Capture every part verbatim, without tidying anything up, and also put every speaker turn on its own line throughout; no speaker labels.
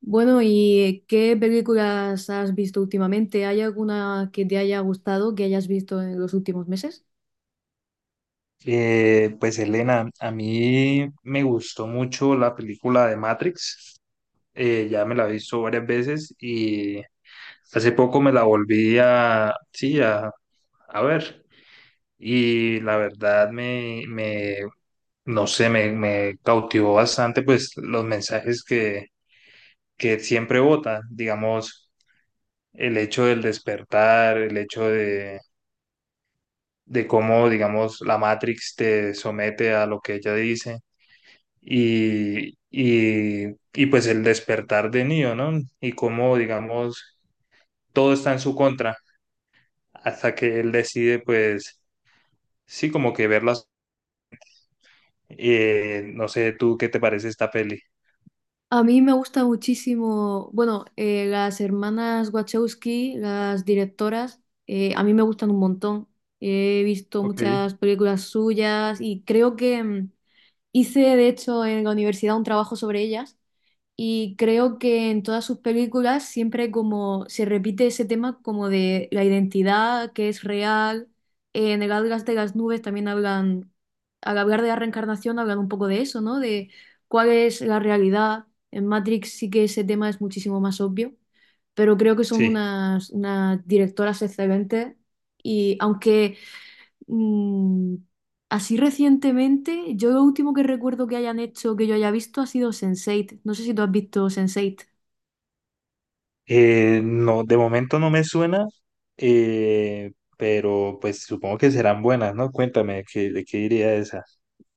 Bueno, ¿y qué películas has visto últimamente? ¿Hay alguna que te haya gustado, que hayas visto en los últimos meses?
Eh, pues Elena, a mí me gustó mucho la película de Matrix. Eh, ya me la he visto varias veces y hace poco me la volví a, sí, a, a ver, y la verdad me, me no sé, me, me cautivó bastante pues los mensajes que, que siempre vota, digamos. El hecho del despertar, el hecho de, de cómo, digamos, la Matrix te somete a lo que ella dice, y, y, y pues el despertar de Neo, ¿no? Y cómo, digamos, todo está en su contra hasta que él decide, pues, sí, como que verlas. Eh, no sé, ¿tú qué te parece esta peli?
A mí me gusta muchísimo, bueno, eh, las hermanas Wachowski, las directoras, eh, a mí me gustan un montón. He visto
Ok.
muchas películas suyas y creo que mm, hice, de hecho, en la universidad un trabajo sobre ellas. Y creo que en todas sus películas siempre como se repite ese tema como de la identidad que es real. Eh, en el Atlas de las Nubes también hablan, al hablar de la reencarnación hablan un poco de eso, ¿no? De cuál es la realidad. En Matrix sí que ese tema es muchísimo más obvio, pero creo que son
Sí.
unas, unas directoras excelentes. Y aunque Mm, así recientemente, yo lo último que recuerdo que hayan hecho, que yo haya visto, ha sido Sense ocho. No sé si tú has visto Sense ocho.
Eh, no, de momento no me suena, eh, pero pues supongo que serán buenas, ¿no? Cuéntame, ¿de qué, de qué diría esa?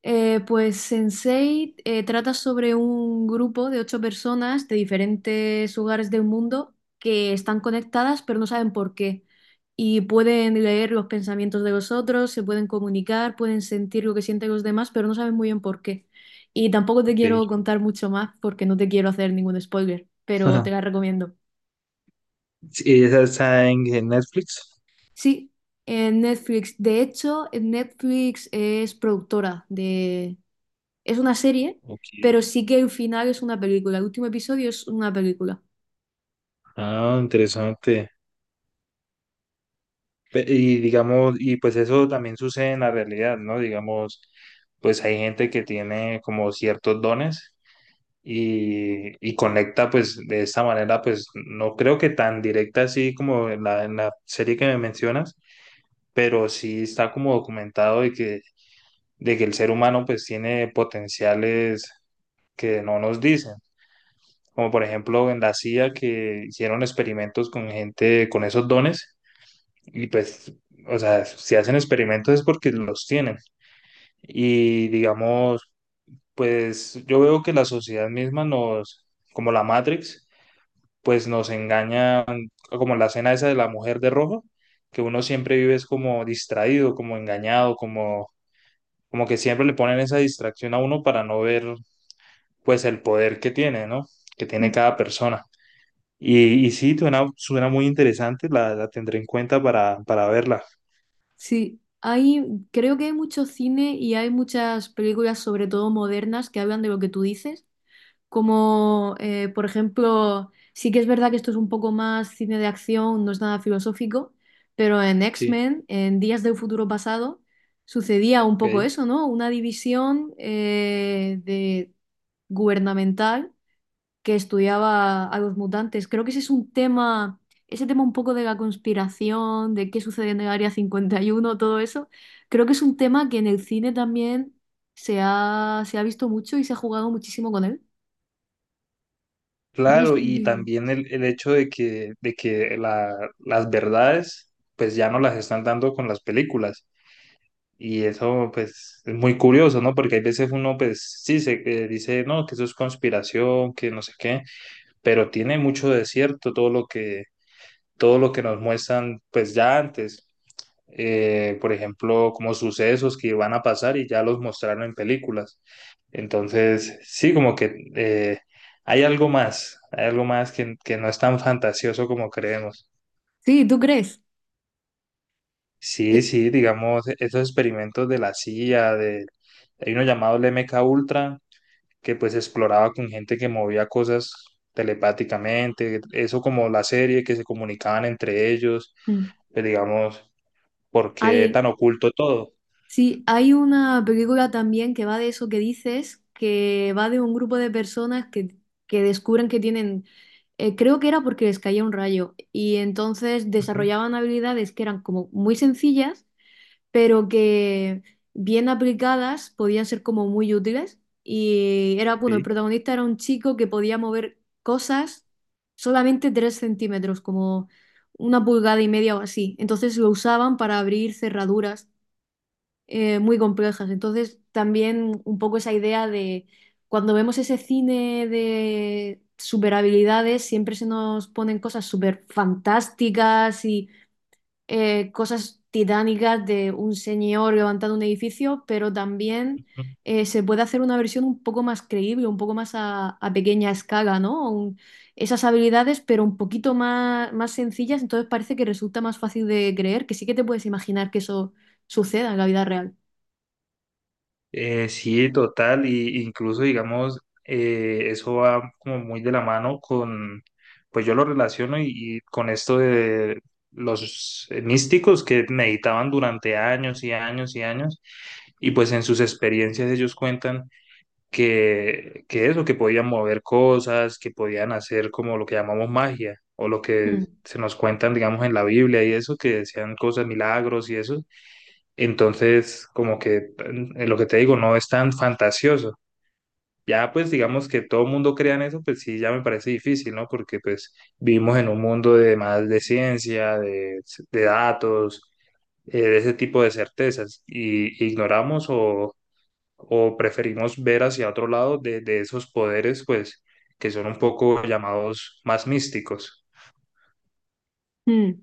Eh, pues Sense ocho eh, trata sobre un grupo de ocho personas de diferentes lugares del mundo que están conectadas pero no saben por qué. Y pueden leer los pensamientos de los otros, se pueden comunicar, pueden sentir lo que sienten los demás, pero no saben muy bien por qué. Y tampoco te
Ok.
quiero contar mucho más porque no te quiero hacer ningún spoiler, pero
Ajá.
te la recomiendo.
Sí, ¿esa está en en Netflix?
Sí, en Netflix. De hecho, en Netflix es productora de... Es una serie,
Ok.
pero sí que el final es una película. El último episodio es una película.
Ah, interesante. Pe- Y digamos, y pues eso también sucede en la realidad, ¿no? Digamos, pues hay gente que tiene como ciertos dones y, y conecta pues de esta manera. Pues no creo que tan directa así como en la, en la serie que me mencionas, pero sí está como documentado de que, de que el ser humano pues tiene potenciales que no nos dicen, como por ejemplo en la C I A, que hicieron experimentos con gente con esos dones, y pues, o sea, si hacen experimentos es porque los tienen. Y digamos, pues yo veo que la sociedad misma nos, como la Matrix, pues nos engaña, como la escena esa de la mujer de rojo, que uno siempre vive es como distraído, como engañado, como, como que siempre le ponen esa distracción a uno para no ver pues el poder que tiene, ¿no? Que tiene
Mm.
cada persona. Y, y sí, suena, suena muy interesante, la, la tendré en cuenta para, para verla.
Sí, hay... creo que hay mucho cine y hay muchas películas, sobre todo modernas, que hablan de lo que tú dices, como eh, por ejemplo, sí que es verdad que esto es un poco más cine de acción, no es nada filosófico, pero en
Sí,
X-Men, en Días de un Futuro Pasado, sucedía un poco
ok.
eso, ¿no? Una división eh, de gubernamental que estudiaba a los mutantes. Creo que ese es un tema, ese tema un poco de la conspiración, de qué sucede en el Área cincuenta y uno, todo eso, creo que es un tema que en el cine también se ha, se ha visto mucho y se ha jugado muchísimo con él. No sé
Claro,
si...
y
si-
también el, el hecho de que, de que la- las verdades pues ya no las están dando con las películas. Y eso pues es muy curioso, ¿no? Porque hay veces uno pues sí se eh, dice, no, que eso es conspiración, que no sé qué, pero tiene mucho de cierto todo lo que, todo lo que nos muestran pues ya antes. Eh, por ejemplo, como sucesos que van a pasar y ya los mostraron en películas. Entonces, sí, como que eh, hay algo más, hay algo más que, que no es tan fantasioso como creemos.
Sí, ¿tú crees?
Sí,
Eh,
sí, digamos, esos experimentos de la C I A, de, hay uno llamado el M K Ultra, que pues exploraba con gente que movía cosas telepáticamente, eso como la serie, que se comunicaban entre ellos.
mm.
Pues digamos, ¿por qué
Hay,
tan oculto todo?
sí, hay una película también que va de eso que dices, que va de un grupo de personas que, que descubren que tienen, eh, creo que era porque les caía un rayo, y entonces
Ujú,
desarrollaban habilidades que eran como muy sencillas, pero que bien aplicadas podían ser como muy útiles. Y era, bueno, el protagonista era un chico que podía mover cosas solamente tres centímetros, como una pulgada y media o así. Entonces lo usaban para abrir cerraduras eh, muy complejas. Entonces también un poco esa idea de cuando vemos ese cine de superhabilidades, siempre se nos ponen cosas súper fantásticas y eh, cosas titánicas de un señor levantando un edificio, pero también
ok.
eh, se puede hacer una versión un poco más creíble, un poco más a, a pequeña escala, ¿no? Un- esas habilidades, pero un poquito más, más sencillas, entonces parece que resulta más fácil de creer, que sí que te puedes imaginar que eso suceda en la vida real.
Eh, sí, total, y incluso digamos, eh, eso va como muy de la mano con, pues yo lo relaciono y, y con esto de los místicos que meditaban durante años y años y años, y pues en sus experiencias ellos cuentan que, que eso, que podían mover cosas, que podían hacer como lo que llamamos magia, o lo que
Mm.
se nos cuentan, digamos, en la Biblia y eso, que decían cosas, milagros y eso. Entonces, como que eh, lo que te digo, no es tan fantasioso. Ya, pues digamos que todo el mundo crea en eso, pues sí, ya me parece difícil, ¿no? Porque pues vivimos en un mundo de más de ciencia, de, de, datos, eh, de ese tipo de certezas, y ignoramos o, o, preferimos ver hacia otro lado de, de esos poderes, pues, que son un poco llamados más místicos.
Mm.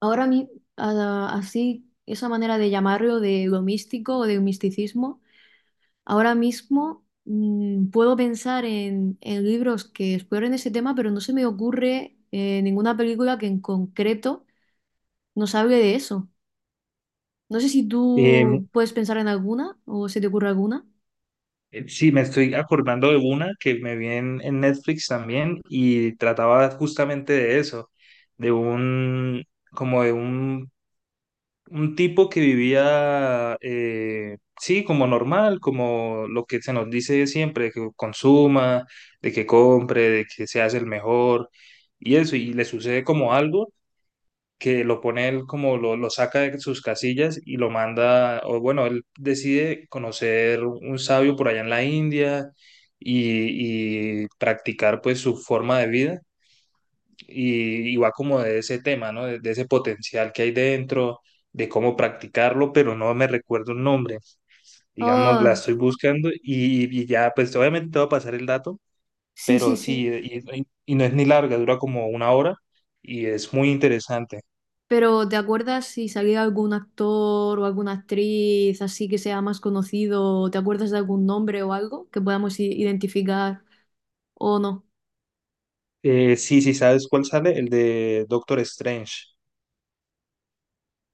Ahora a mí, a- así, esa manera de llamarlo de lo místico o de misticismo. Ahora mismo mm, puedo pensar en, en libros que exploren ese tema, pero no se me ocurre eh, ninguna película que en concreto nos hable de eso. No sé si
Eh,
tú puedes pensar en alguna o se te ocurre alguna.
Eh, Sí, me estoy acordando de una que me vi en, en Netflix también, y trataba justamente de eso, de un, como de un, un tipo que vivía, eh, sí, como normal, como lo que se nos dice siempre, que consuma, de que compre, de que se hace el mejor y eso, y le sucede como algo que lo pone él como lo, lo saca de sus casillas y lo manda, o bueno, él decide conocer un sabio por allá en la India y, y practicar pues su forma de vida, y, y va como de ese tema, ¿no? De, de ese potencial que hay dentro, de cómo practicarlo, pero no me recuerdo el nombre, digamos, la
Oh,
estoy buscando y, y ya pues obviamente te va a pasar el dato,
sí, sí,
pero sí,
sí.
y, y y no es ni larga, dura como una hora y es muy interesante.
Pero ¿te acuerdas si salía algún actor o alguna actriz así que sea más conocido? ¿Te acuerdas de algún nombre o algo que podamos i- identificar o no?
Eh, sí, sí, ¿sabes cuál sale? El de Doctor Strange.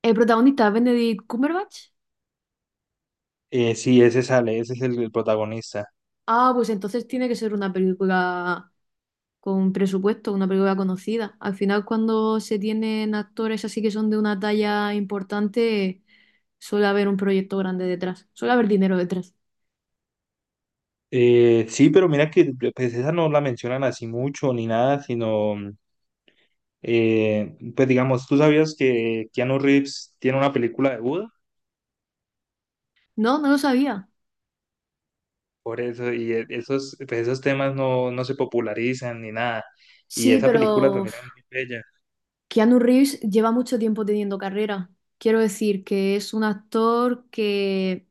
¿El protagonista es Benedict Cumberbatch?
Eh, sí, ese sale, ese es el, el protagonista.
Ah, pues entonces tiene que ser una película con presupuesto, una película conocida. Al final, cuando se tienen actores así que son de una talla importante, suele haber un proyecto grande detrás, suele haber dinero detrás.
Eh, sí, pero mira que pues esa no la mencionan así mucho ni nada, sino, mm, eh, pues digamos, ¿tú sabías que Keanu Reeves tiene una película de Buda?
No, no lo sabía.
Por eso, y e- esos, pues, esos temas no, no se popularizan ni nada. Y
Sí,
esa
pero
película
uf,
también es muy bella.
Keanu Reeves lleva mucho tiempo teniendo carrera. Quiero decir que es un actor que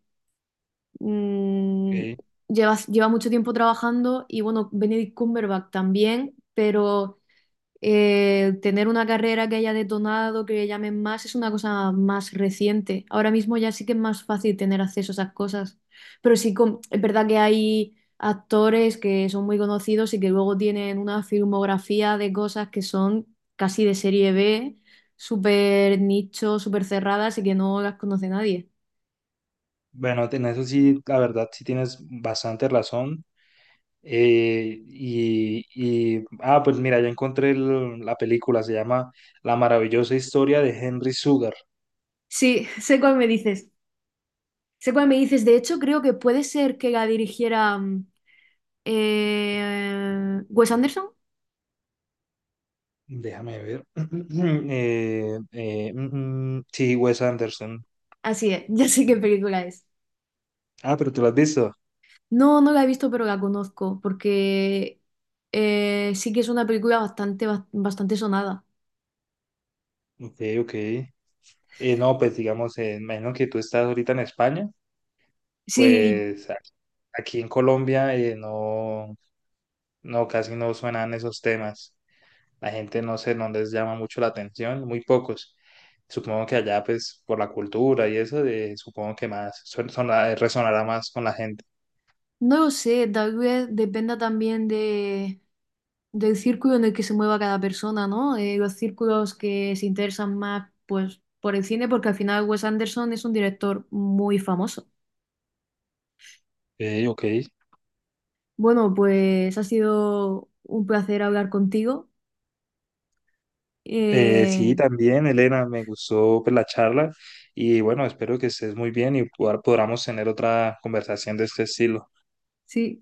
mm,
Ok.
lleva, lleva mucho tiempo trabajando y bueno, Benedict Cumberbatch también, pero eh, tener una carrera que haya detonado, que le llamen más, es una cosa más reciente. Ahora mismo ya sí que es más fácil tener acceso a esas cosas. Pero sí, con- es verdad que hay actores que son muy conocidos y que luego tienen una filmografía de cosas que son casi de serie B, súper nicho, súper cerradas y que no las conoce nadie.
Bueno, en eso sí, la verdad, sí tienes bastante razón. Eh, y, y- ah, pues mira, ya encontré el- la película, se llama La maravillosa historia de Henry Sugar.
Sí, sé cuál me dices. Sé cuál me dices. De hecho, creo que puede ser que la dirigiera mm, eh, Wes Anderson.
Déjame ver. Eh, eh, mm, mm, sí, Wes Anderson.
Así es, ya sé qué película es.
Ah, pero tú lo has visto.
No, no la he visto, pero la conozco, porque eh, sí que es una película bastante, bas- bastante sonada.
Ok, ok. Eh, no, pues digamos, eh, imagino que tú estás ahorita en España,
Sí,
pues a- aquí en Colombia eh, no, no, casi no suenan esos temas. La gente, no sé, no les llama mucho la atención, muy pocos. Supongo que allá, pues, por la cultura y eso, eh, supongo que más son- son- resonará más con la gente.
no lo sé, tal vez dependa también de, del círculo en el que se mueva cada persona, ¿no? Eh, los círculos que se interesan más, pues, por el cine, porque al final Wes Anderson es un director muy famoso.
Ok, ok.
Bueno, pues ha sido un placer hablar contigo.
Eh, sí,
Eh,
también, Elena, me gustó pues la charla, y bueno, espero que estés muy bien y pod- podamos tener otra conversación de este estilo.
sí.